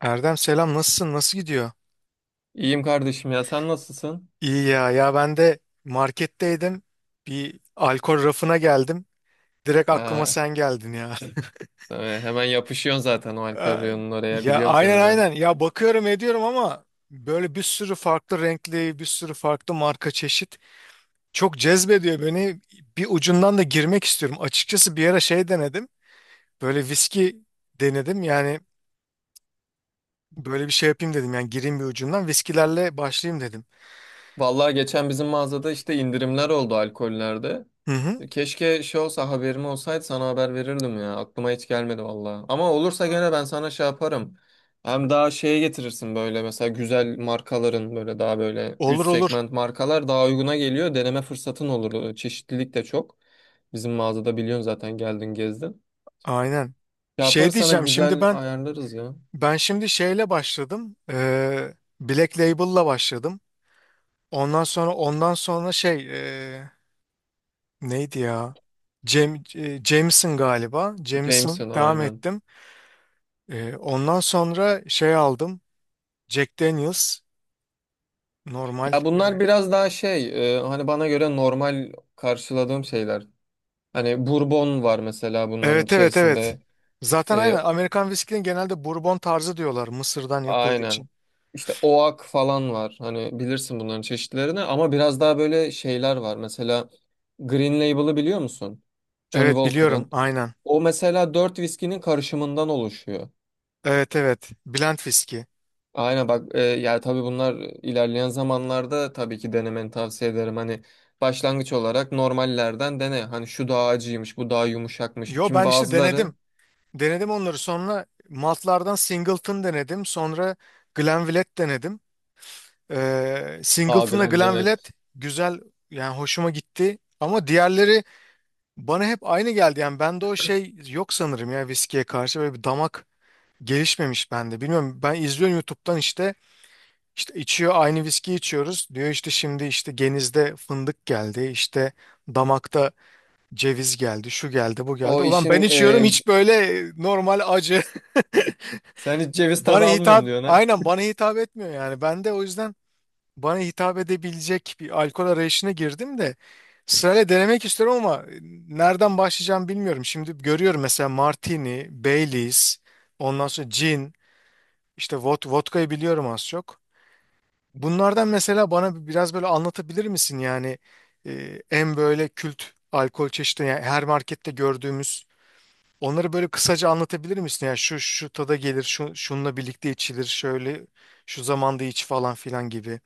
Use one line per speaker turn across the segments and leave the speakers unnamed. Erdem selam, nasılsın, nasıl gidiyor?
İyiyim kardeşim ya sen nasılsın?
İyi ya, ya ben de marketteydim, bir alkol rafına geldim, direkt aklıma
Aa,
sen geldin ya.
tabii, hemen yapışıyorsun zaten o alkol
Ay,
reyonunun oraya
ya
biliyorum
aynen
seni ben.
aynen ya, bakıyorum ediyorum ama böyle bir sürü farklı renkli, bir sürü farklı marka çeşit çok cezbediyor beni, bir ucundan da girmek istiyorum. Açıkçası bir ara şey denedim, böyle viski denedim yani, böyle bir şey yapayım dedim, yani gireyim bir ucundan viskilerle başlayayım dedim.
Vallahi geçen bizim mağazada işte indirimler oldu alkollerde.
Hı hı.
Keşke şey olsa haberim olsaydı sana haber verirdim ya. Aklıma hiç gelmedi vallahi. Ama olursa gene ben sana şey yaparım. Hem daha şeye getirirsin böyle mesela güzel markaların böyle daha böyle
Olur
üst
olur.
segment markalar daha uyguna geliyor. Deneme fırsatın olur. Çeşitlilik de çok. Bizim mağazada biliyorsun zaten geldin gezdin.
Aynen. Şey
Yaparız sana
diyeceğim şimdi
güzel
ben,
ayarlarız ya.
ben şimdi şeyle başladım. Black Label'la başladım. Ondan sonra ondan sonra şey, neydi ya? Cem, Jameson galiba. Jameson
Jameson
devam
aynen.
ettim. Ondan sonra şey aldım. Jack Daniel's normal.
Ya bunlar biraz daha şey hani bana göre normal karşıladığım şeyler. Hani Bourbon var mesela bunların
Evet evet evet.
içerisinde.
Zaten aynen
E,
Amerikan viskinin genelde Bourbon tarzı diyorlar, Mısır'dan yapıldığı için.
aynen. İşte Oak falan var. Hani bilirsin bunların çeşitlerini ama biraz daha böyle şeyler var. Mesela Green Label'ı biliyor musun? Johnny
Evet biliyorum
Walker'ın.
aynen.
O mesela dört viskinin karışımından oluşuyor.
Evet evet. Blend viski.
Aynen bak yani tabii bunlar ilerleyen zamanlarda tabii ki denemeni tavsiye ederim. Hani başlangıç olarak normallerden dene. Hani şu daha acıymış, bu daha yumuşakmış.
Yo,
Kim
ben işte
bazıları
denedim. Denedim onları, sonra maltlardan Singleton denedim. Sonra Glenlivet denedim. Singleton'la
algılandım evet.
Glenlivet güzel, yani hoşuma gitti. Ama diğerleri bana hep aynı geldi. Yani bende o şey yok sanırım ya, viskiye karşı böyle bir damak gelişmemiş bende. Bilmiyorum, ben izliyorum YouTube'dan, işte işte içiyor, aynı viski içiyoruz. Diyor işte şimdi işte genizde fındık geldi, işte damakta ceviz geldi, şu geldi bu geldi.
O
Ulan ben
işin
içiyorum hiç, böyle normal acı.
sen hiç ceviz
Bana
tadı
hitap,
almıyorum diyorsun ha.
aynen bana hitap etmiyor yani. Ben de o yüzden bana hitap edebilecek bir alkol arayışına girdim, de sırayla denemek istiyorum ama nereden başlayacağım bilmiyorum. Şimdi görüyorum mesela Martini, Baileys, ondan sonra gin, işte vodkayı biliyorum az çok. Bunlardan mesela bana biraz böyle anlatabilir misin yani, en böyle kült alkol çeşidi yani, her markette gördüğümüz onları böyle kısaca anlatabilir misin? Yani şu şu tada gelir, şu şununla birlikte içilir, şöyle şu zamanda iç falan filan gibi.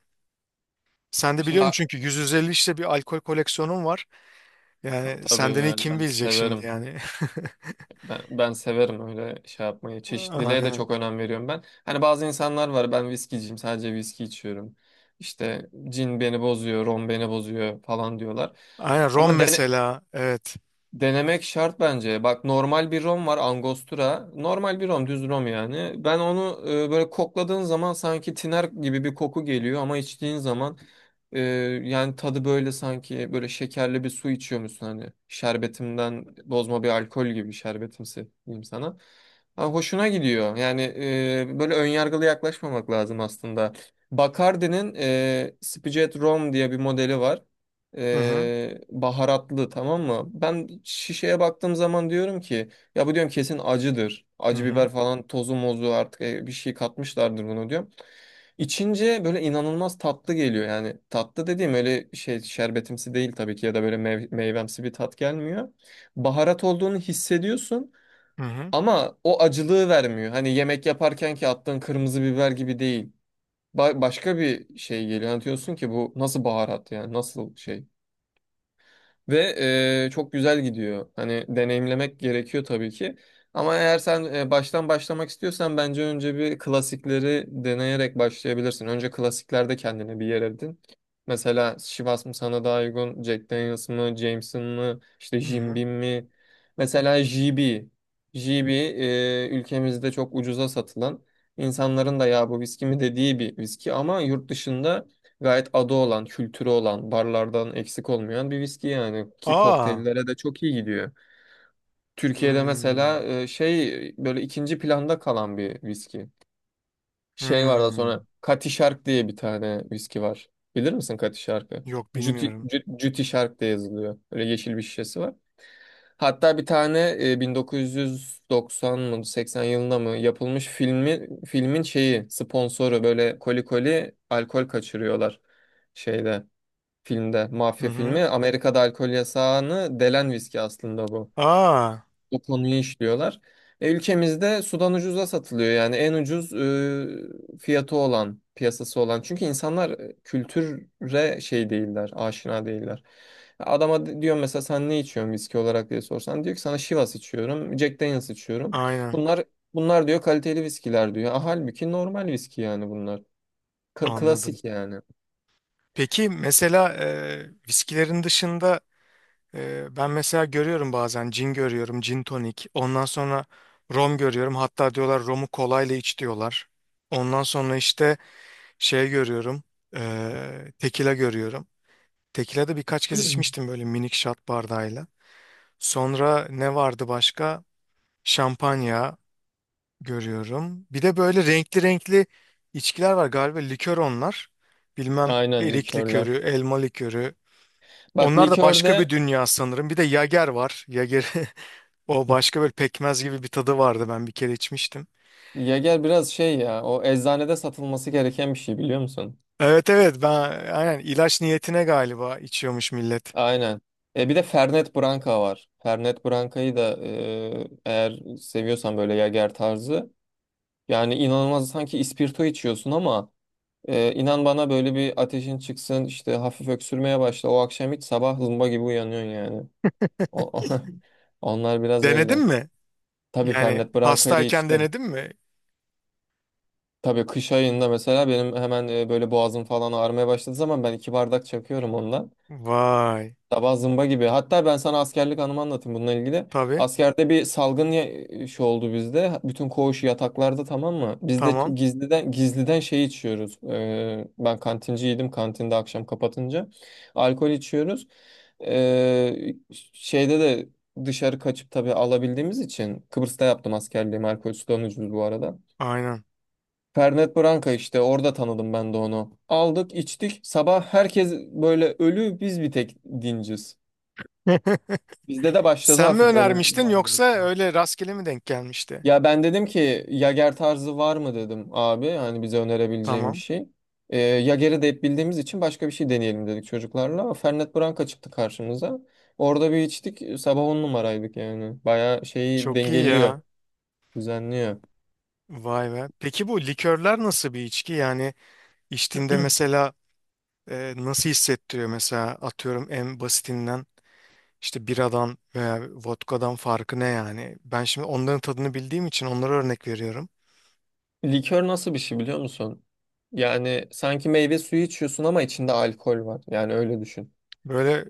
Sen de
Şimdi
biliyorum çünkü 150 işte bir alkol koleksiyonun var. Yani
tabii
senden iyi
yani
kim
ben
bilecek şimdi
severim.
yani.
Ben severim öyle şey yapmayı. Çeşitliliğe de
Aynen.
çok önem veriyorum ben. Hani bazı insanlar var ben viskiciyim sadece viski içiyorum. İşte cin beni bozuyor, rom beni bozuyor falan diyorlar.
Aynen rom
Ama dene,
mesela. Evet.
Denemek şart bence. Bak normal bir rom var Angostura. Normal bir rom, düz rom yani. Ben onu böyle kokladığın zaman sanki tiner gibi bir koku geliyor ama içtiğin zaman e, yani tadı böyle sanki böyle şekerli bir su içiyormuşsun hani. Şerbetimden bozma bir alkol gibi şerbetimsi diyeyim sana. Ha, hoşuna gidiyor. Yani böyle önyargılı yaklaşmamak lazım aslında. Bacardi'nin Spijet Rom diye bir modeli var
Hı hı.
baharatlı tamam mı? Ben şişeye baktığım zaman diyorum ki ya bu diyorum kesin acıdır.
Hı
Acı
hı.
biber falan tozu mozu artık bir şey katmışlardır bunu diyorum. İçince böyle inanılmaz tatlı geliyor. Yani tatlı dediğim öyle şey şerbetimsi değil tabii ki ya da böyle meyvemsi bir tat gelmiyor. Baharat olduğunu hissediyorsun
Hı hı.
ama o acılığı vermiyor. Hani yemek yaparken ki attığın kırmızı biber gibi değil. Başka bir şey geliyor. Anlatıyorsun ki bu nasıl baharat yani nasıl şey. Ve çok güzel gidiyor. Hani deneyimlemek gerekiyor tabii ki. Ama eğer sen baştan başlamak istiyorsan bence önce bir klasikleri deneyerek başlayabilirsin. Önce klasiklerde kendine bir yer edin. Mesela Chivas mı sana daha uygun, Jack Daniels mı, Jameson mı, İşte
Hı
Jim
hı.
Beam mi? Mesela JB. JB ülkemizde çok ucuza satılan, insanların da ya bu viski mi dediği bir viski ama yurt dışında gayet adı olan, kültürü olan, barlardan eksik olmayan bir viski yani ki
Aa.
kokteyllere de çok iyi gidiyor. Türkiye'de
Hmm.
mesela şey böyle ikinci planda kalan bir viski. Şey var da sonra
Hmm.
Cutty Shark diye bir tane viski var. Bilir misin Cutty Shark'ı?
Yok
Juti,
bilmiyorum.
Juti Shark diye yazılıyor. Böyle yeşil bir şişesi var. Hatta bir tane 1990 mı 80 yılında mı yapılmış filmin şeyi sponsoru böyle koli koli alkol kaçırıyorlar şeyde filmde,
Hı
mafya filmi.
hı.
Amerika'da alkol yasağını delen viski aslında bu.
Aa.
O konuyu işliyorlar. Ülkemizde sudan ucuza satılıyor yani en ucuz fiyatı olan, piyasası olan. Çünkü insanlar kültüre şey değiller, aşina değiller. Adama diyorum mesela sen ne içiyorsun viski olarak diye sorsan diyor ki sana Chivas içiyorum, Jack Daniel's içiyorum.
Aynen.
Bunlar bunlar diyor kaliteli viskiler diyor. Ah, halbuki normal viski yani bunlar.
Anladım.
Klasik yani.
Peki mesela viskilerin dışında ben mesela görüyorum bazen cin görüyorum, cin tonik. Ondan sonra rom görüyorum. Hatta diyorlar romu kolayla iç diyorlar. Ondan sonra işte şey görüyorum, tekila görüyorum. Tekila da birkaç kez içmiştim böyle minik şat bardağıyla. Sonra ne vardı başka? Şampanya görüyorum. Bir de böyle renkli renkli içkiler var galiba, likör onlar. Bilmem,
Aynen
erik likörü,
likörler.
elma likörü.
Bak
Onlar da başka bir
likörde
dünya sanırım. Bir de Yager var. Yager. O başka, böyle pekmez gibi bir tadı vardı, ben bir kere içmiştim.
Yager biraz şey ya o eczanede satılması gereken bir şey biliyor musun?
Evet evet, ben aynen ilaç niyetine galiba içiyormuş millet.
Aynen. E bir de Fernet Branca var. Fernet Branca'yı da eğer seviyorsan böyle Yager tarzı yani inanılmaz sanki ispirto içiyorsun ama inan bana böyle bir ateşin çıksın işte hafif öksürmeye başla o akşam hiç sabah zımba gibi uyanıyorsun yani. O, onlar biraz
Denedin
öyle.
mi?
Tabii
Yani
Fernet Branca'yı
hastayken
içtim.
denedin mi?
Tabii kış ayında mesela benim hemen böyle boğazım falan ağrımaya başladığı zaman ben iki bardak çakıyorum ondan.
Vay.
Sabah zımba gibi. Hatta ben sana askerlik anımı anlatayım bununla ilgili.
Tabii.
Askerde bir salgın şey oldu bizde. Bütün koğuş yataklarda tamam mı? Biz de
Tamam.
gizliden gizliden şey içiyoruz. Ben kantinciydim. Kantinde akşam kapatınca alkol içiyoruz. Ee, şeyde de dışarı kaçıp tabii alabildiğimiz için Kıbrıs'ta yaptım askerliğimi. Alkol sulanıcıydı bu arada.
Aynen.
Fernet Branca işte orada tanıdım ben de onu. Aldık, içtik. Sabah herkes böyle ölü, biz bir tek dinciz. Bizde de başladı
Sen mi
hafif böyle
önermiştin,
muhabbet
yoksa
falan.
öyle rastgele mi denk gelmişti?
Ya ben dedim ki Yager tarzı var mı dedim abi. Hani bize önerebileceğim bir
Tamam.
şey. Yager'i de hep bildiğimiz için başka bir şey deneyelim dedik çocuklarla. Fernet Branca çıktı karşımıza. Orada bir içtik. Sabah on numaraydık yani. Bayağı şeyi
Çok iyi
dengeliyor.
ya.
Düzenliyor.
Vay be. Peki bu likörler nasıl bir içki? Yani içtiğinde mesela nasıl hissettiriyor mesela, atıyorum en basitinden. İşte biradan veya vodkadan farkı ne yani? Ben şimdi onların tadını bildiğim için onlara örnek veriyorum.
Likör nasıl bir şey biliyor musun? Yani sanki meyve suyu içiyorsun ama içinde alkol var. Yani öyle düşün.
Böyle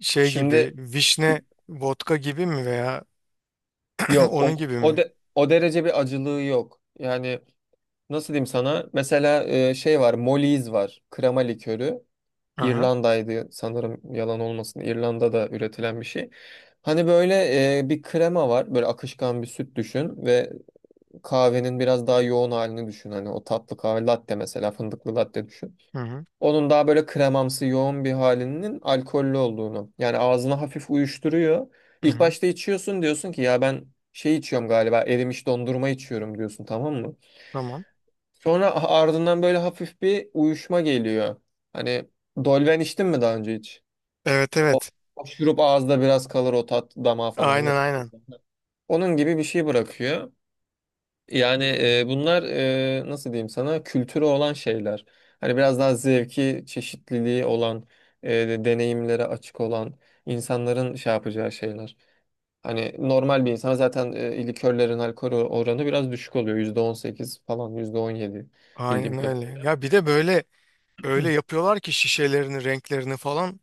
şey gibi,
Şimdi
vişne vodka gibi mi, veya
yok o
onun gibi
o,
mi?
o derece bir acılığı yok. Yani nasıl diyeyim sana? Mesela şey var, Molly's var. Krema likörü.
Aha.
İrlanda'ydı sanırım yalan olmasın. İrlanda'da üretilen bir şey. Hani böyle bir krema var. Böyle akışkan bir süt düşün ve kahvenin biraz daha yoğun halini düşün. Hani o tatlı kahve latte mesela fındıklı latte düşün.
Hı hı.
Onun daha böyle kremamsı yoğun bir halinin alkollü olduğunu. Yani ağzına hafif uyuşturuyor.
Hı
İlk
hı.
başta içiyorsun diyorsun ki ya ben şey içiyorum galiba erimiş dondurma içiyorum diyorsun tamam mı?
Tamam.
Sonra ardından böyle hafif bir uyuşma geliyor. Hani dolven içtin mi daha önce hiç?
Evet
O,
evet.
o şurup ağızda biraz kalır o tat damağa falan
Aynen
yapıyor.
aynen.
Onun gibi bir şey bırakıyor. Yani
Hı hı.
bunlar nasıl diyeyim sana kültürü olan şeyler. Hani biraz daha zevki, çeşitliliği olan, deneyimlere açık olan insanların şey yapacağı şeyler. Hani normal bir insan zaten likörlerin alkol oranı biraz düşük oluyor. %18 falan, %17 bildiğim
Aynen öyle.
kadarıyla.
Ya bir de böyle öyle yapıyorlar ki şişelerini, renklerini falan,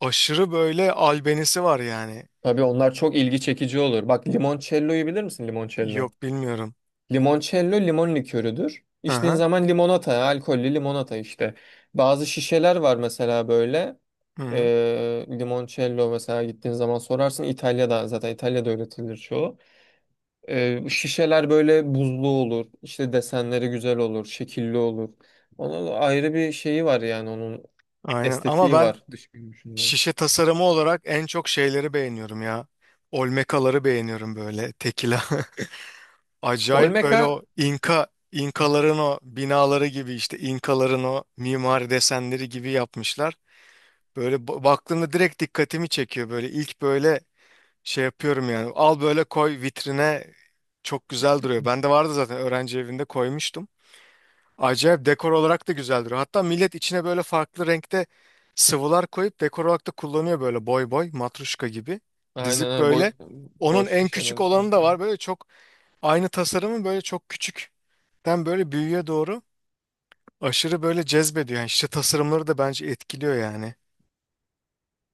aşırı böyle albenisi var yani.
Tabii onlar çok ilgi çekici olur. Bak limoncello'yu bilir misin limoncello?
Yok bilmiyorum.
Limoncello limon likörüdür. İçtiğin
Aha.
zaman limonata, alkollü limonata işte. Bazı şişeler var mesela böyle.
Hı hı.
Limoncello mesela gittiğin zaman sorarsın. İtalya'da zaten İtalya'da öğretilir çoğu. Şişeler böyle buzlu olur. İşte desenleri güzel olur, şekilli olur. Onun ayrı bir şeyi var yani onun
Aynen, ama
estetiği
ben
var dış görünüşünden.
şişe tasarımı olarak en çok şeyleri beğeniyorum ya. Olmekaları beğeniyorum, böyle tekila. Acayip, böyle
Olmeca
o İnka, İnkaların o binaları gibi, işte İnkaların o mimari desenleri gibi yapmışlar. Böyle baktığımda direkt dikkatimi çekiyor, böyle ilk böyle şey yapıyorum yani. Al böyle, koy vitrine, çok güzel duruyor. Bende vardı zaten, öğrenci evinde koymuştum. Acayip dekor olarak da güzeldir. Hatta millet içine böyle farklı renkte sıvılar koyup dekor olarak da kullanıyor, böyle boy boy matruşka gibi.
aynen
Dizip
aynen
böyle. Onun
boş
en küçük
şişeler şey
olanı da
yapıyor.
var. Böyle çok aynı tasarımın böyle çok küçükten böyle büyüğe doğru, aşırı böyle cezbediyor. Yani işte tasarımları da bence etkiliyor yani.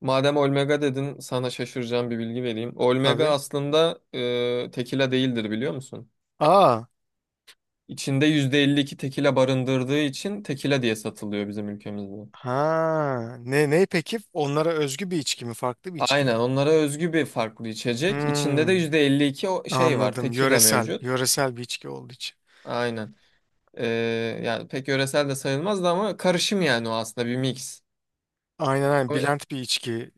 Madem Olmega dedin, sana şaşıracağım bir bilgi vereyim. Olmega
Tabii.
aslında tekila değildir biliyor musun?
Aa.
İçinde %52 tekila barındırdığı için tekila diye satılıyor bizim ülkemizde.
Ha. Ne ne peki? Onlara özgü bir içki mi? Farklı bir içki
Aynen
mi?
onlara özgü bir farklı içecek. İçinde de
Hmm,
%52 o şey var,
anladım.
tekila
Yöresel.
mevcut.
Yöresel bir içki olduğu için.
Aynen. E, yani pek yöresel de sayılmazdı ama karışım yani o aslında bir mix.
Aynen aynen.
Ama-
Bilent bir içki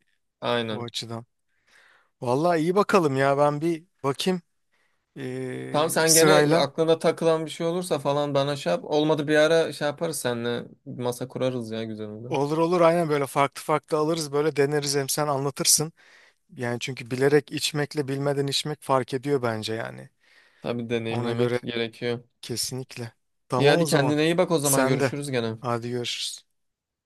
o
Aynen.
açıdan. Vallahi iyi bakalım ya, ben bir bakayım
Tamam sen gene
sırayla.
aklına takılan bir şey olursa falan bana şey yap. Olmadı bir ara şey yaparız seninle masa kurarız ya güzel olur.
Olur olur, aynen böyle farklı farklı alırız, böyle deneriz, hem sen anlatırsın. Yani çünkü bilerek içmekle bilmeden içmek fark ediyor bence yani.
Tabii
Ona
deneyimlemek
göre
gerekiyor.
kesinlikle.
İyi
Tamam o
hadi
zaman.
kendine iyi bak o zaman
Sen de.
görüşürüz gene.
Hadi görüşürüz.